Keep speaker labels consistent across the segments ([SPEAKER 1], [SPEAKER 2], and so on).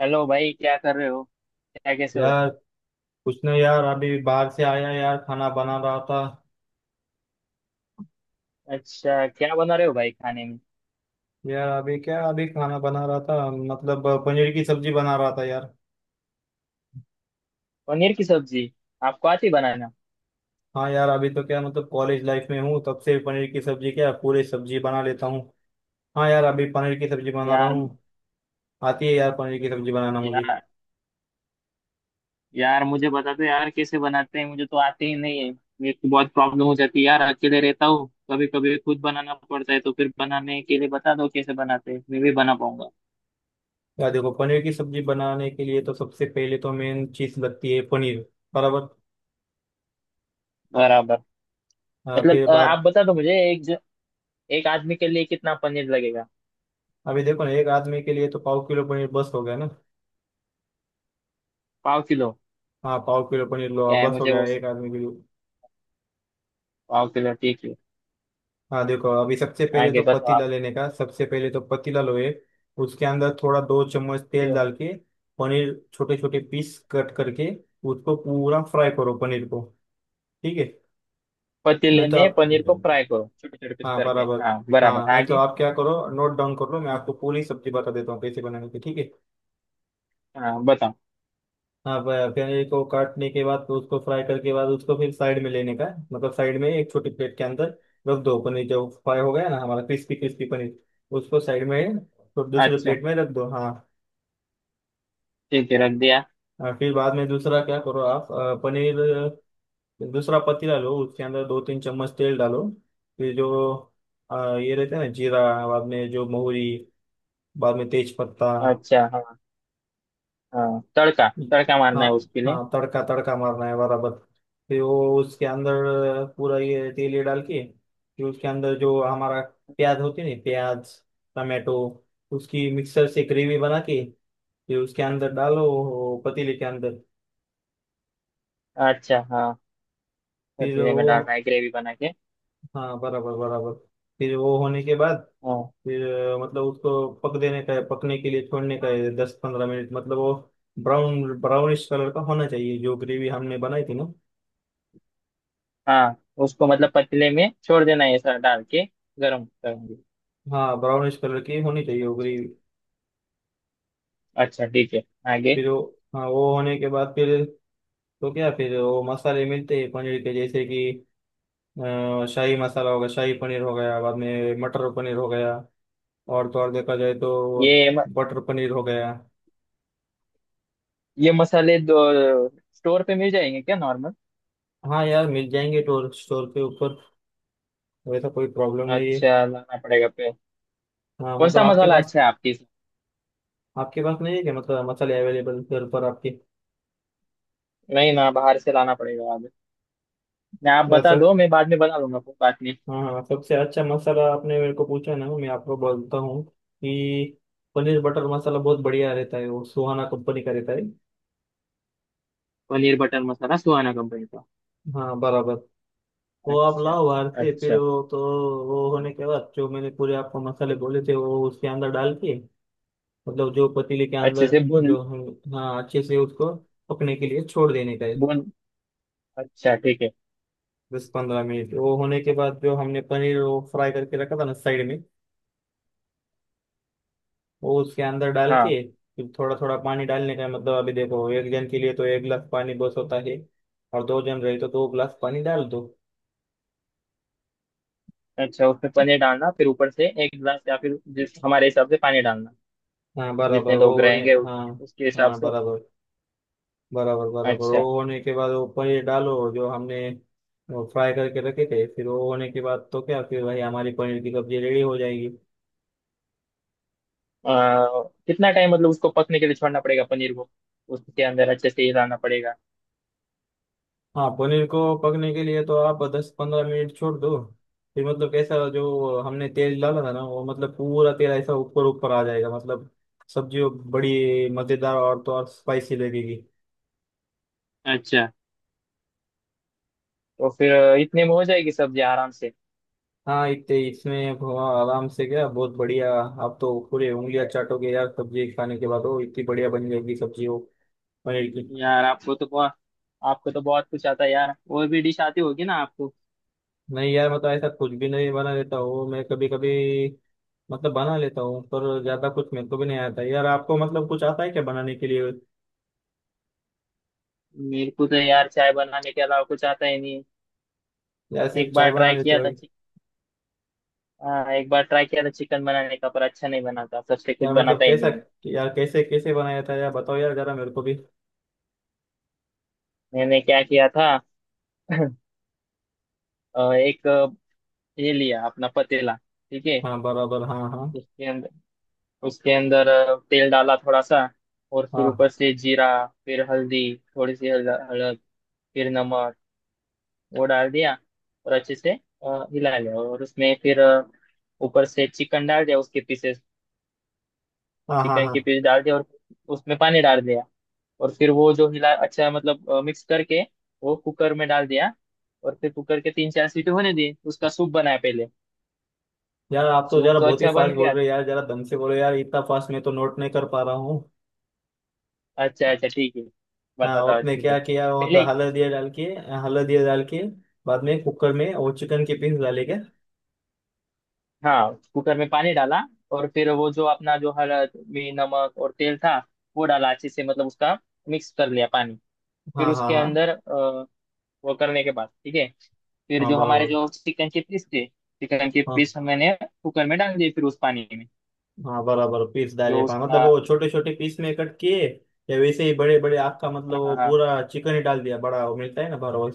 [SPEAKER 1] Hello भाई, क्या कर रहे हो? क्या, कैसे हो?
[SPEAKER 2] यार कुछ नहीं यार, अभी बाहर से आया यार, खाना बना रहा था।
[SPEAKER 1] अच्छा, क्या बना रहे हो भाई खाने में?
[SPEAKER 2] यार अभी क्या, अभी खाना बना रहा था, मतलब पनीर की सब्जी बना रहा था यार।
[SPEAKER 1] पनीर की सब्जी। आपको आती बनाना?
[SPEAKER 2] हाँ यार, अभी तो क्या, मतलब कॉलेज लाइफ में हूँ तब से पनीर की सब्जी क्या, पूरी सब्जी बना लेता हूँ। हाँ यार, अभी पनीर की सब्जी बना रहा
[SPEAKER 1] यार।
[SPEAKER 2] हूँ। आती है यार, पनीर की सब्जी बनाना मुझे।
[SPEAKER 1] यार यार मुझे बता दो यार, कैसे बनाते हैं। मुझे तो आते ही नहीं है। मेरे को बहुत प्रॉब्लम हो जाती है यार, अकेले रहता हूँ, कभी कभी खुद बनाना पड़ता है तो फिर बनाने के लिए बता दो कैसे बनाते हैं, मैं भी बना पाऊंगा।
[SPEAKER 2] यार देखो, पनीर की सब्जी बनाने के लिए तो सबसे पहले तो मेन चीज लगती है पनीर। बराबर।
[SPEAKER 1] बराबर।
[SPEAKER 2] हाँ,
[SPEAKER 1] मतलब
[SPEAKER 2] फिर
[SPEAKER 1] आप
[SPEAKER 2] बात।
[SPEAKER 1] बता दो मुझे, एक आदमी के लिए कितना पनीर लगेगा?
[SPEAKER 2] अभी देखो ना, एक आदमी के लिए तो पाव किलो पनीर बस हो गया ना।
[SPEAKER 1] पाव किलो।
[SPEAKER 2] हाँ, पाव किलो पनीर लो,
[SPEAKER 1] क्या है
[SPEAKER 2] बस हो
[SPEAKER 1] मुझे
[SPEAKER 2] गया
[SPEAKER 1] वो।
[SPEAKER 2] एक आदमी के लिए।
[SPEAKER 1] पाव किलो ठीक है।
[SPEAKER 2] हाँ देखो, अभी सबसे पहले तो
[SPEAKER 1] आगे बताओ।
[SPEAKER 2] पतीला लेने का, सबसे पहले तो पतीला लोए। उसके अंदर थोड़ा दो चम्मच तेल
[SPEAKER 1] आप।
[SPEAKER 2] डाल के, पनीर छोटे छोटे पीस कट करके उसको पूरा फ्राई करो पनीर को। ठीक है। नहीं
[SPEAKER 1] पतीले
[SPEAKER 2] तो
[SPEAKER 1] में
[SPEAKER 2] आप,
[SPEAKER 1] पनीर को फ्राई करो छोटे छोटे पीस
[SPEAKER 2] हाँ
[SPEAKER 1] करके,
[SPEAKER 2] बराबर।
[SPEAKER 1] हाँ
[SPEAKER 2] हाँ
[SPEAKER 1] बराबर,
[SPEAKER 2] नहीं तो
[SPEAKER 1] आगे।
[SPEAKER 2] आप क्या करो, नोट डाउन कर लो, मैं आपको पूरी सब्जी बता देता हूँ कैसे बनाने की, ठीक है।
[SPEAKER 1] हाँ, बताओ।
[SPEAKER 2] हाँ, पनीर को काटने के बाद तो उसको फ्राई करके बाद उसको फिर साइड में लेने का है, मतलब साइड में एक छोटी प्लेट के अंदर रख दो पनीर जो फ्राई हो गया ना, हमारा क्रिस्पी क्रिस्पी पनीर, उसको साइड में, तो दूसरे
[SPEAKER 1] अच्छा,
[SPEAKER 2] प्लेट में रख दो, हाँ।
[SPEAKER 1] ठीक है, रख दिया।
[SPEAKER 2] और फिर बाद में दूसरा क्या करो आप, पनीर, दूसरा पतीला लो, उसके अंदर दो तीन चम्मच तेल डालो। फिर जो ये रहते हैं ना जीरा, बाद में जो मोहरी, बाद में तेज पत्ता।
[SPEAKER 1] अच्छा हाँ। हाँ, तड़का तड़का
[SPEAKER 2] हाँ,
[SPEAKER 1] मारना है उसके लिए।
[SPEAKER 2] हाँ तड़का तड़का मारना है, बराबर। फिर वो उसके अंदर पूरा ये तेल ये डाल के, फिर उसके अंदर जो हमारा प्याज होती है ना, प्याज, टमाटो, उसकी मिक्सर से ग्रेवी बना के फिर उसके अंदर डालो वो पतीले के अंदर।
[SPEAKER 1] अच्छा हाँ।
[SPEAKER 2] फिर
[SPEAKER 1] पतीले में डालना
[SPEAKER 2] वो,
[SPEAKER 1] है ग्रेवी बना के।
[SPEAKER 2] हाँ बराबर बराबर। फिर वो होने के बाद
[SPEAKER 1] हाँ।
[SPEAKER 2] फिर मतलब उसको पक देने का है, पकने के लिए छोड़ने का है दस पंद्रह मिनट, मतलब वो ब्राउन ब्राउनिश कलर का होना चाहिए जो ग्रेवी हमने बनाई थी ना।
[SPEAKER 1] हाँ, उसको मतलब पतीले में छोड़ देना है, ऐसा डाल के गरम करेंगे।
[SPEAKER 2] हाँ, ब्राउनिश कलर की होनी चाहिए
[SPEAKER 1] अच्छा।
[SPEAKER 2] उगली।
[SPEAKER 1] अच्छा ठीक है। आगे।
[SPEAKER 2] फिर वो, हाँ वो होने के बाद फिर तो क्या, फिर वो मसाले मिलते हैं पनीर के, जैसे कि शाही मसाला हो गया, शाही पनीर हो गया, बाद में मटर पनीर हो गया, और तो और देखा जाए तो
[SPEAKER 1] ये म-
[SPEAKER 2] बटर पनीर हो गया।
[SPEAKER 1] ये मसाले दो स्टोर पे मिल जाएंगे क्या नॉर्मल?
[SPEAKER 2] हाँ यार, मिल जाएंगे स्टोर स्टोर के ऊपर, वैसा कोई प्रॉब्लम नहीं है।
[SPEAKER 1] अच्छा, लाना पड़ेगा पे।
[SPEAKER 2] हाँ
[SPEAKER 1] कौन
[SPEAKER 2] मतलब
[SPEAKER 1] सा
[SPEAKER 2] आपके
[SPEAKER 1] मसाला
[SPEAKER 2] पास,
[SPEAKER 1] अच्छा है आपकी?
[SPEAKER 2] आपके पास नहीं है क्या, मतलब मसाले अवेलेबल घर पर आपके?
[SPEAKER 1] नहीं ना, बाहर से लाना पड़ेगा। ना आप बता
[SPEAKER 2] ऐसा।
[SPEAKER 1] दो, मैं बाद में बना लूंगा, कोई बात नहीं।
[SPEAKER 2] हाँ, सबसे अच्छा मसाला आपने मेरे को पूछा ना, मैं आपको बोलता हूँ कि पनीर बटर मसाला बहुत बढ़िया रहता है, वो सुहाना कंपनी का रहता है।
[SPEAKER 1] पनीर बटर मसाला सुहाना कंपनी का?
[SPEAKER 2] हाँ बराबर। वो आप
[SPEAKER 1] अच्छा।
[SPEAKER 2] लाओ बाहर से, फिर
[SPEAKER 1] अच्छा।
[SPEAKER 2] वो तो, वो होने के बाद जो मैंने पूरे आपको मसाले बोले थे वो उसके अंदर डाल के, मतलब जो पतीले के
[SPEAKER 1] अच्छे
[SPEAKER 2] अंदर,
[SPEAKER 1] से भून।
[SPEAKER 2] जो हम, हाँ अच्छे से उसको पकने के लिए छोड़ देने का है।
[SPEAKER 1] भून। अच्छा ठीक है।
[SPEAKER 2] दस पंद्रह मिनट वो होने के बाद जो हमने पनीर वो फ्राई करके रखा था ना साइड में, वो उसके अंदर डाल के,
[SPEAKER 1] हाँ।
[SPEAKER 2] फिर थोड़ा थोड़ा पानी डालने का है। मतलब अभी देखो, एक जन के लिए तो एक गिलास पानी बस होता है, और दो जन रहे तो दो गिलास पानी डाल दो।
[SPEAKER 1] अच्छा, उसमें पनीर डालना फिर ऊपर से एक गिलास या फिर जिस हमारे हिसाब से पानी डालना,
[SPEAKER 2] हाँ बराबर
[SPEAKER 1] जितने
[SPEAKER 2] वो
[SPEAKER 1] लोग
[SPEAKER 2] होने,
[SPEAKER 1] रहेंगे
[SPEAKER 2] हाँ,
[SPEAKER 1] उतने उसके हिसाब
[SPEAKER 2] हाँ
[SPEAKER 1] से।
[SPEAKER 2] बराबर बराबर। बराबर वो
[SPEAKER 1] अच्छा।
[SPEAKER 2] होने के बाद वो पनीर डालो जो हमने फ्राई करके रखे थे, फिर वो होने के बाद तो क्या, फिर भाई हमारी पनीर की सब्जी रेडी हो जाएगी।
[SPEAKER 1] आ, कितना टाइम मतलब उसको पकने के लिए छोड़ना पड़ेगा पनीर को? उसके अंदर अच्छे से हिलाना पड़ेगा?
[SPEAKER 2] हाँ, पनीर को पकने के लिए तो आप दस पंद्रह मिनट छोड़ दो, फिर मतलब कैसा, जो हमने तेल डाला था ना, वो मतलब पूरा तेल ऐसा ऊपर ऊपर आ जाएगा, मतलब सब्जी वो बड़ी मज़ेदार और तो और स्पाइसी लगेगी।
[SPEAKER 1] अच्छा। तो फिर इतने में हो जाएगी सब्जी आराम से?
[SPEAKER 2] हाँ इतने, इसमें आप आराम से क्या, बहुत बढ़िया। आप तो पूरे उंगलियां चाटोगे यार सब्जी खाने के बाद, वो इतनी बढ़िया बन जाएगी सब्जी वो, पनीर की।
[SPEAKER 1] यार, आपको तो बहुत कुछ आता है यार, और भी डिश आती होगी ना आपको?
[SPEAKER 2] नहीं यार, मतलब ऐसा, कुछ भी नहीं, बना लेता हूँ मैं कभी कभी, मतलब बना लेता हूँ पर ज्यादा कुछ मेरे को भी नहीं आता। यार आपको मतलब कुछ आता है क्या बनाने के लिए?
[SPEAKER 1] मेरे को तो यार चाय बनाने के अलावा कुछ आता ही नहीं।
[SPEAKER 2] यार सिर्फ
[SPEAKER 1] एक
[SPEAKER 2] चाय
[SPEAKER 1] बार
[SPEAKER 2] बना
[SPEAKER 1] ट्राई
[SPEAKER 2] लेते
[SPEAKER 1] किया
[SPEAKER 2] हो?
[SPEAKER 1] था चिक हाँ, एक बार ट्राई किया था चिकन बनाने का, पर अच्छा नहीं बना था, सबसे कुछ
[SPEAKER 2] यार मतलब
[SPEAKER 1] बनाता ही
[SPEAKER 2] कैसा,
[SPEAKER 1] नहीं।
[SPEAKER 2] यार कैसे कैसे बनाया था यार, बताओ यार जरा मेरे को भी।
[SPEAKER 1] मैंने क्या किया था। एक ये लिया अपना पतीला, ठीक है।
[SPEAKER 2] हाँ बराबर, हाँ हाँ।
[SPEAKER 1] उसके अंदर, तेल डाला थोड़ा सा, और फिर
[SPEAKER 2] हाँ
[SPEAKER 1] ऊपर से जीरा, फिर हल्दी, हलद, फिर नमक, वो डाल दिया, और अच्छे से हिला लिया, और उसमें फिर ऊपर से चिकन डाल दिया उसके पीसेस,
[SPEAKER 2] हाँ। हाँ
[SPEAKER 1] चिकन
[SPEAKER 2] हाँ।
[SPEAKER 1] के पीस डाल दिया, और उसमें पानी डाल दिया, और फिर वो जो हिला, अच्छा मतलब मिक्स करके वो कुकर में डाल दिया, और फिर कुकर के 3 4 सीटी होने दी, उसका सूप बनाया पहले।
[SPEAKER 2] यार आप तो
[SPEAKER 1] सूप
[SPEAKER 2] जरा
[SPEAKER 1] तो
[SPEAKER 2] बहुत ही
[SPEAKER 1] अच्छा बन
[SPEAKER 2] फास्ट बोल
[SPEAKER 1] गया।
[SPEAKER 2] रहे हो यार, जरा दम से बोलो यार, इतना फास्ट मैं तो नोट नहीं कर पा रहा हूँ।
[SPEAKER 1] अच्छा, अच्छा ठीक है,
[SPEAKER 2] हाँ
[SPEAKER 1] बताता हूँ,
[SPEAKER 2] आपने
[SPEAKER 1] ठीक है।
[SPEAKER 2] क्या किया वो,
[SPEAKER 1] पहले,
[SPEAKER 2] मतलब हल्दिया डाल के, हल्दिया डाल के बाद में कुकर में वो चिकन के पीस डाले क्या?
[SPEAKER 1] हाँ, कुकर में पानी डाला, और फिर वो जो अपना जो हल्द में नमक और तेल था, वो डाला अच्छे से, मतलब उसका मिक्स कर लिया पानी। फिर
[SPEAKER 2] हाँ हाँ
[SPEAKER 1] उसके
[SPEAKER 2] हाँ।
[SPEAKER 1] अंदर, वो करने के बाद ठीक है, फिर
[SPEAKER 2] हाँ
[SPEAKER 1] जो हमारे
[SPEAKER 2] बराबर,
[SPEAKER 1] जो चिकन के पीस थे, चिकन के
[SPEAKER 2] हाँ
[SPEAKER 1] पीस मैंने कुकर में डाल दिए फिर उस पानी में,
[SPEAKER 2] हाँ। बराबर पीस डाले
[SPEAKER 1] जो
[SPEAKER 2] हाँ, मतलब
[SPEAKER 1] उसका।
[SPEAKER 2] वो छोटे छोटे पीस में कट किए, या वैसे ही बड़े बड़े आपका, मतलब
[SPEAKER 1] हाँ
[SPEAKER 2] वो
[SPEAKER 1] हाँ।
[SPEAKER 2] पूरा चिकन ही डाल दिया बड़ा, वो मिलता है ना, बराबर।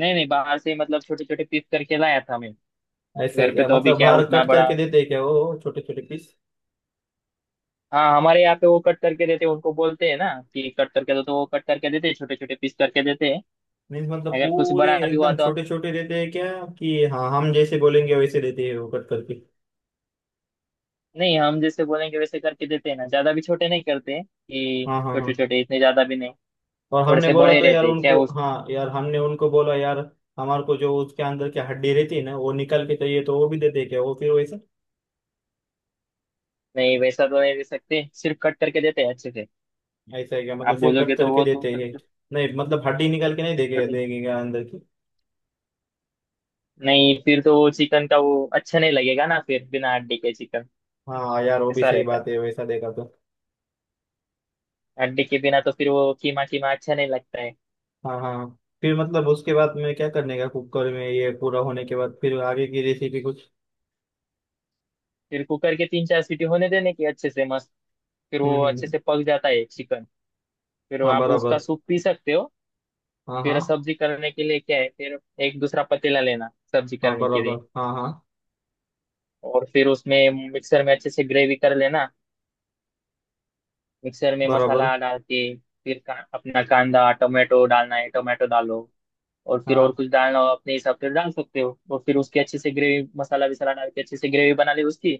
[SPEAKER 1] नहीं नहीं, बाहर से मतलब छोटे छोटे पीस करके लाया था मैं।
[SPEAKER 2] ऐसा है
[SPEAKER 1] घर पे
[SPEAKER 2] क्या,
[SPEAKER 1] तो अभी
[SPEAKER 2] मतलब
[SPEAKER 1] क्या
[SPEAKER 2] बाहर
[SPEAKER 1] उतना
[SPEAKER 2] कट
[SPEAKER 1] बड़ा।
[SPEAKER 2] करके देते हैं क्या वो छोटे छोटे पीस?
[SPEAKER 1] हाँ, हमारे यहाँ पे वो कट करके देते हैं, उनको बोलते हैं ना कि कट करके दो तो वो कट करके देते हैं, छोटे छोटे पीस करके देते हैं।
[SPEAKER 2] मीन्स मतलब
[SPEAKER 1] अगर कुछ
[SPEAKER 2] पूरे
[SPEAKER 1] बड़ा भी हुआ
[SPEAKER 2] एकदम
[SPEAKER 1] तो
[SPEAKER 2] छोटे छोटे देते हैं क्या, कि हाँ हम जैसे बोलेंगे वैसे देते हैं वो कट करके?
[SPEAKER 1] नहीं, हम जैसे बोलेंगे वैसे करके देते हैं ना, ज्यादा भी छोटे नहीं करते हैं कि
[SPEAKER 2] हाँ हाँ
[SPEAKER 1] छोटे
[SPEAKER 2] हाँ।
[SPEAKER 1] छोटे इतने ज्यादा भी नहीं,
[SPEAKER 2] और
[SPEAKER 1] थोड़े
[SPEAKER 2] हमने
[SPEAKER 1] से
[SPEAKER 2] बोला
[SPEAKER 1] बड़े
[SPEAKER 2] तो यार
[SPEAKER 1] रहते हैं क्या?
[SPEAKER 2] उनको, हाँ यार हमने उनको बोला यार, हमारे को जो उसके अंदर की हड्डी रहती है ना, वो निकाल के चाहिए तो वो भी देते हैं क्या वो, फिर वैसा।
[SPEAKER 1] नहीं वैसा तो नहीं दे सकते, सिर्फ कट करके देते हैं अच्छे से।
[SPEAKER 2] ऐसा है क्या,
[SPEAKER 1] आप
[SPEAKER 2] मतलब सिर्फ कट
[SPEAKER 1] बोलोगे तो
[SPEAKER 2] करके
[SPEAKER 1] वो तो
[SPEAKER 2] देते हैं?
[SPEAKER 1] छोटे
[SPEAKER 2] नहीं मतलब हड्डी निकाल के नहीं देंगे,
[SPEAKER 1] छोटे।
[SPEAKER 2] देंगे क्या अंदर की?
[SPEAKER 1] नहीं, फिर तो वो चिकन का वो अच्छा नहीं लगेगा ना, फिर बिना हड्डी के चिकन
[SPEAKER 2] हाँ यार वो भी
[SPEAKER 1] ऐसा
[SPEAKER 2] सही
[SPEAKER 1] रहता है,
[SPEAKER 2] बात है, वैसा देखा तो।
[SPEAKER 1] हड्डी के बिना तो फिर वो कीमा कीमा अच्छा नहीं लगता है।
[SPEAKER 2] हाँ हाँ। फिर मतलब उसके बाद में क्या करने का, कुकर में ये पूरा होने के बाद फिर आगे की रेसिपी कुछ?
[SPEAKER 1] फिर कुकर के तीन चार सीटी होने देने की अच्छे से मस्त, फिर
[SPEAKER 2] हम्म
[SPEAKER 1] वो
[SPEAKER 2] हम्म
[SPEAKER 1] अच्छे
[SPEAKER 2] हम्म।
[SPEAKER 1] से पक जाता है चिकन। फिर वो
[SPEAKER 2] हाँ
[SPEAKER 1] आप उसका
[SPEAKER 2] बराबर,
[SPEAKER 1] सूप पी सकते हो।
[SPEAKER 2] हाँ हाँ।
[SPEAKER 1] फिर सब्जी करने के लिए क्या है फिर, एक दूसरा पतीला लेना सब्जी
[SPEAKER 2] हाँ
[SPEAKER 1] करने के
[SPEAKER 2] बराबर,
[SPEAKER 1] लिए,
[SPEAKER 2] हाँ हाँ।
[SPEAKER 1] और फिर उसमें मिक्सर में अच्छे से ग्रेवी कर लेना, मिक्सर में
[SPEAKER 2] बराबर,
[SPEAKER 1] मसाला डाल के। फिर अपना कांदा टोमेटो डालना है, टोमेटो डालो, और फिर और
[SPEAKER 2] हाँ
[SPEAKER 1] कुछ डालना हो अपने हिसाब से डाल सकते हो, और फिर उसकी अच्छे से ग्रेवी मसाला विसाला डाल के अच्छे से ग्रेवी बना ली उसकी।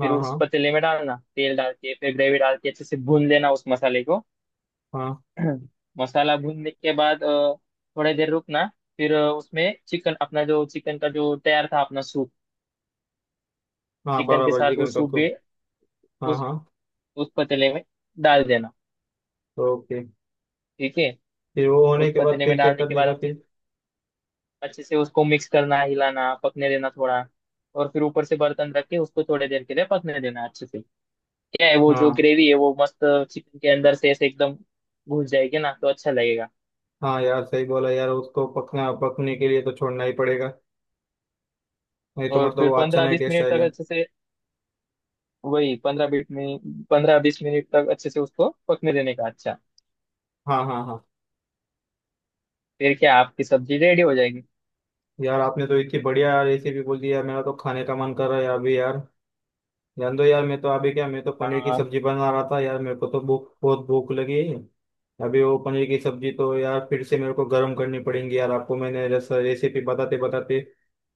[SPEAKER 1] फिर
[SPEAKER 2] हाँ।
[SPEAKER 1] उस
[SPEAKER 2] हाँ
[SPEAKER 1] पतीले में डालना, तेल डाल के फिर ग्रेवी डाल के अच्छे से भून लेना उस मसाले को।
[SPEAKER 2] हाँ
[SPEAKER 1] मसाला भूनने के बाद थोड़ी देर रुकना, फिर उसमें चिकन अपना जो चिकन का जो तैयार था अपना सूप,
[SPEAKER 2] हाँ
[SPEAKER 1] चिकन के
[SPEAKER 2] बराबर
[SPEAKER 1] साथ वो
[SPEAKER 2] चिकन का
[SPEAKER 1] सूप भी
[SPEAKER 2] कुक, हाँ
[SPEAKER 1] उस
[SPEAKER 2] हाँ।
[SPEAKER 1] उस पतीले में डाल देना।
[SPEAKER 2] ओके।
[SPEAKER 1] ठीक है।
[SPEAKER 2] फिर वो होने
[SPEAKER 1] उस
[SPEAKER 2] के बाद
[SPEAKER 1] पतीले में
[SPEAKER 2] फिर क्या
[SPEAKER 1] डालने के
[SPEAKER 2] करने
[SPEAKER 1] बाद,
[SPEAKER 2] का
[SPEAKER 1] अच्छे
[SPEAKER 2] फिर?
[SPEAKER 1] अच्छे से उसको मिक्स करना, हिलाना, पकने देना थोड़ा, और फिर ऊपर से बर्तन रख के उसको थोड़ी देर के लिए पकने देना अच्छे से। क्या है, वो जो
[SPEAKER 2] हाँ
[SPEAKER 1] ग्रेवी है वो मस्त चिकन के अंदर से ऐसे एकदम घुस जाएगी ना, तो अच्छा लगेगा।
[SPEAKER 2] हाँ। यार सही बोला यार, उसको पकना, पकने के लिए तो छोड़ना ही पड़ेगा, नहीं तो
[SPEAKER 1] और
[SPEAKER 2] मतलब वो
[SPEAKER 1] फिर
[SPEAKER 2] अच्छा
[SPEAKER 1] पंद्रह
[SPEAKER 2] नहीं
[SPEAKER 1] बीस
[SPEAKER 2] टेस्ट
[SPEAKER 1] मिनट तक
[SPEAKER 2] आएगा।
[SPEAKER 1] अच्छे से, वही पंद्रह बीस मिनट 15 20 मिनट तक अच्छे से उसको पकने देने का अच्छा।
[SPEAKER 2] हाँ हाँ हाँ।
[SPEAKER 1] फिर क्या आपकी सब्जी रेडी हो जाएगी।
[SPEAKER 2] यार आपने तो इतनी बढ़िया रेसिपी बोल दी यार, मेरा तो खाने का मन कर रहा है अभी यार। जान दो यार, मैं तो अभी क्या, मैं तो पनीर की
[SPEAKER 1] हाँ।
[SPEAKER 2] सब्जी बना रहा था यार, मेरे को तो भूख, बहुत भूख लगी है। अभी वो पनीर की सब्जी तो यार फिर से मेरे को गर्म करनी पड़ेगी, यार आपको मैंने रेसिपी बताते बताते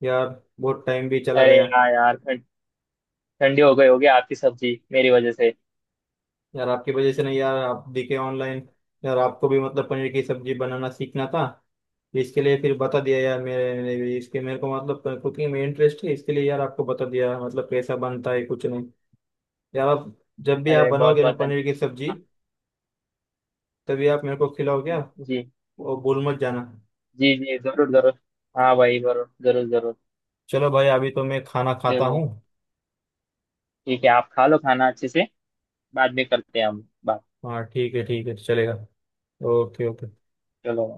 [SPEAKER 2] यार बहुत टाइम भी चला
[SPEAKER 1] अरे
[SPEAKER 2] गया।
[SPEAKER 1] हाँ यार, ठंडी हो गई होगी आपकी सब्जी मेरी वजह से।
[SPEAKER 2] यार आपकी वजह से नहीं यार, आप दिखे ऑनलाइन, यार आपको भी मतलब पनीर की सब्जी बनाना सीखना था, इसके लिए फिर बता दिया यार। मेरे भी इसके, मेरे को मतलब कुकिंग में इंटरेस्ट है, इसके लिए यार आपको बता दिया मतलब कैसा बनता है कुछ नहीं। यार आप जब भी आप
[SPEAKER 1] अरे, बहुत
[SPEAKER 2] बनाओगे ना
[SPEAKER 1] बहुत धन्यवाद।
[SPEAKER 2] पनीर की सब्जी, तभी आप मेरे को खिलाओ क्या,
[SPEAKER 1] जी।
[SPEAKER 2] वो भूल मत जाना।
[SPEAKER 1] जी जी, जरूर जरूर। हाँ भाई, जरूर जरूर जरूर।
[SPEAKER 2] चलो भाई, अभी तो मैं खाना खाता
[SPEAKER 1] चलो,
[SPEAKER 2] हूँ।
[SPEAKER 1] ठीक है, आप खा लो खाना अच्छे से, बाद में करते हैं हम बात।
[SPEAKER 2] हाँ ठीक है, ठीक है तो चलेगा। Okay okay.
[SPEAKER 1] चलो।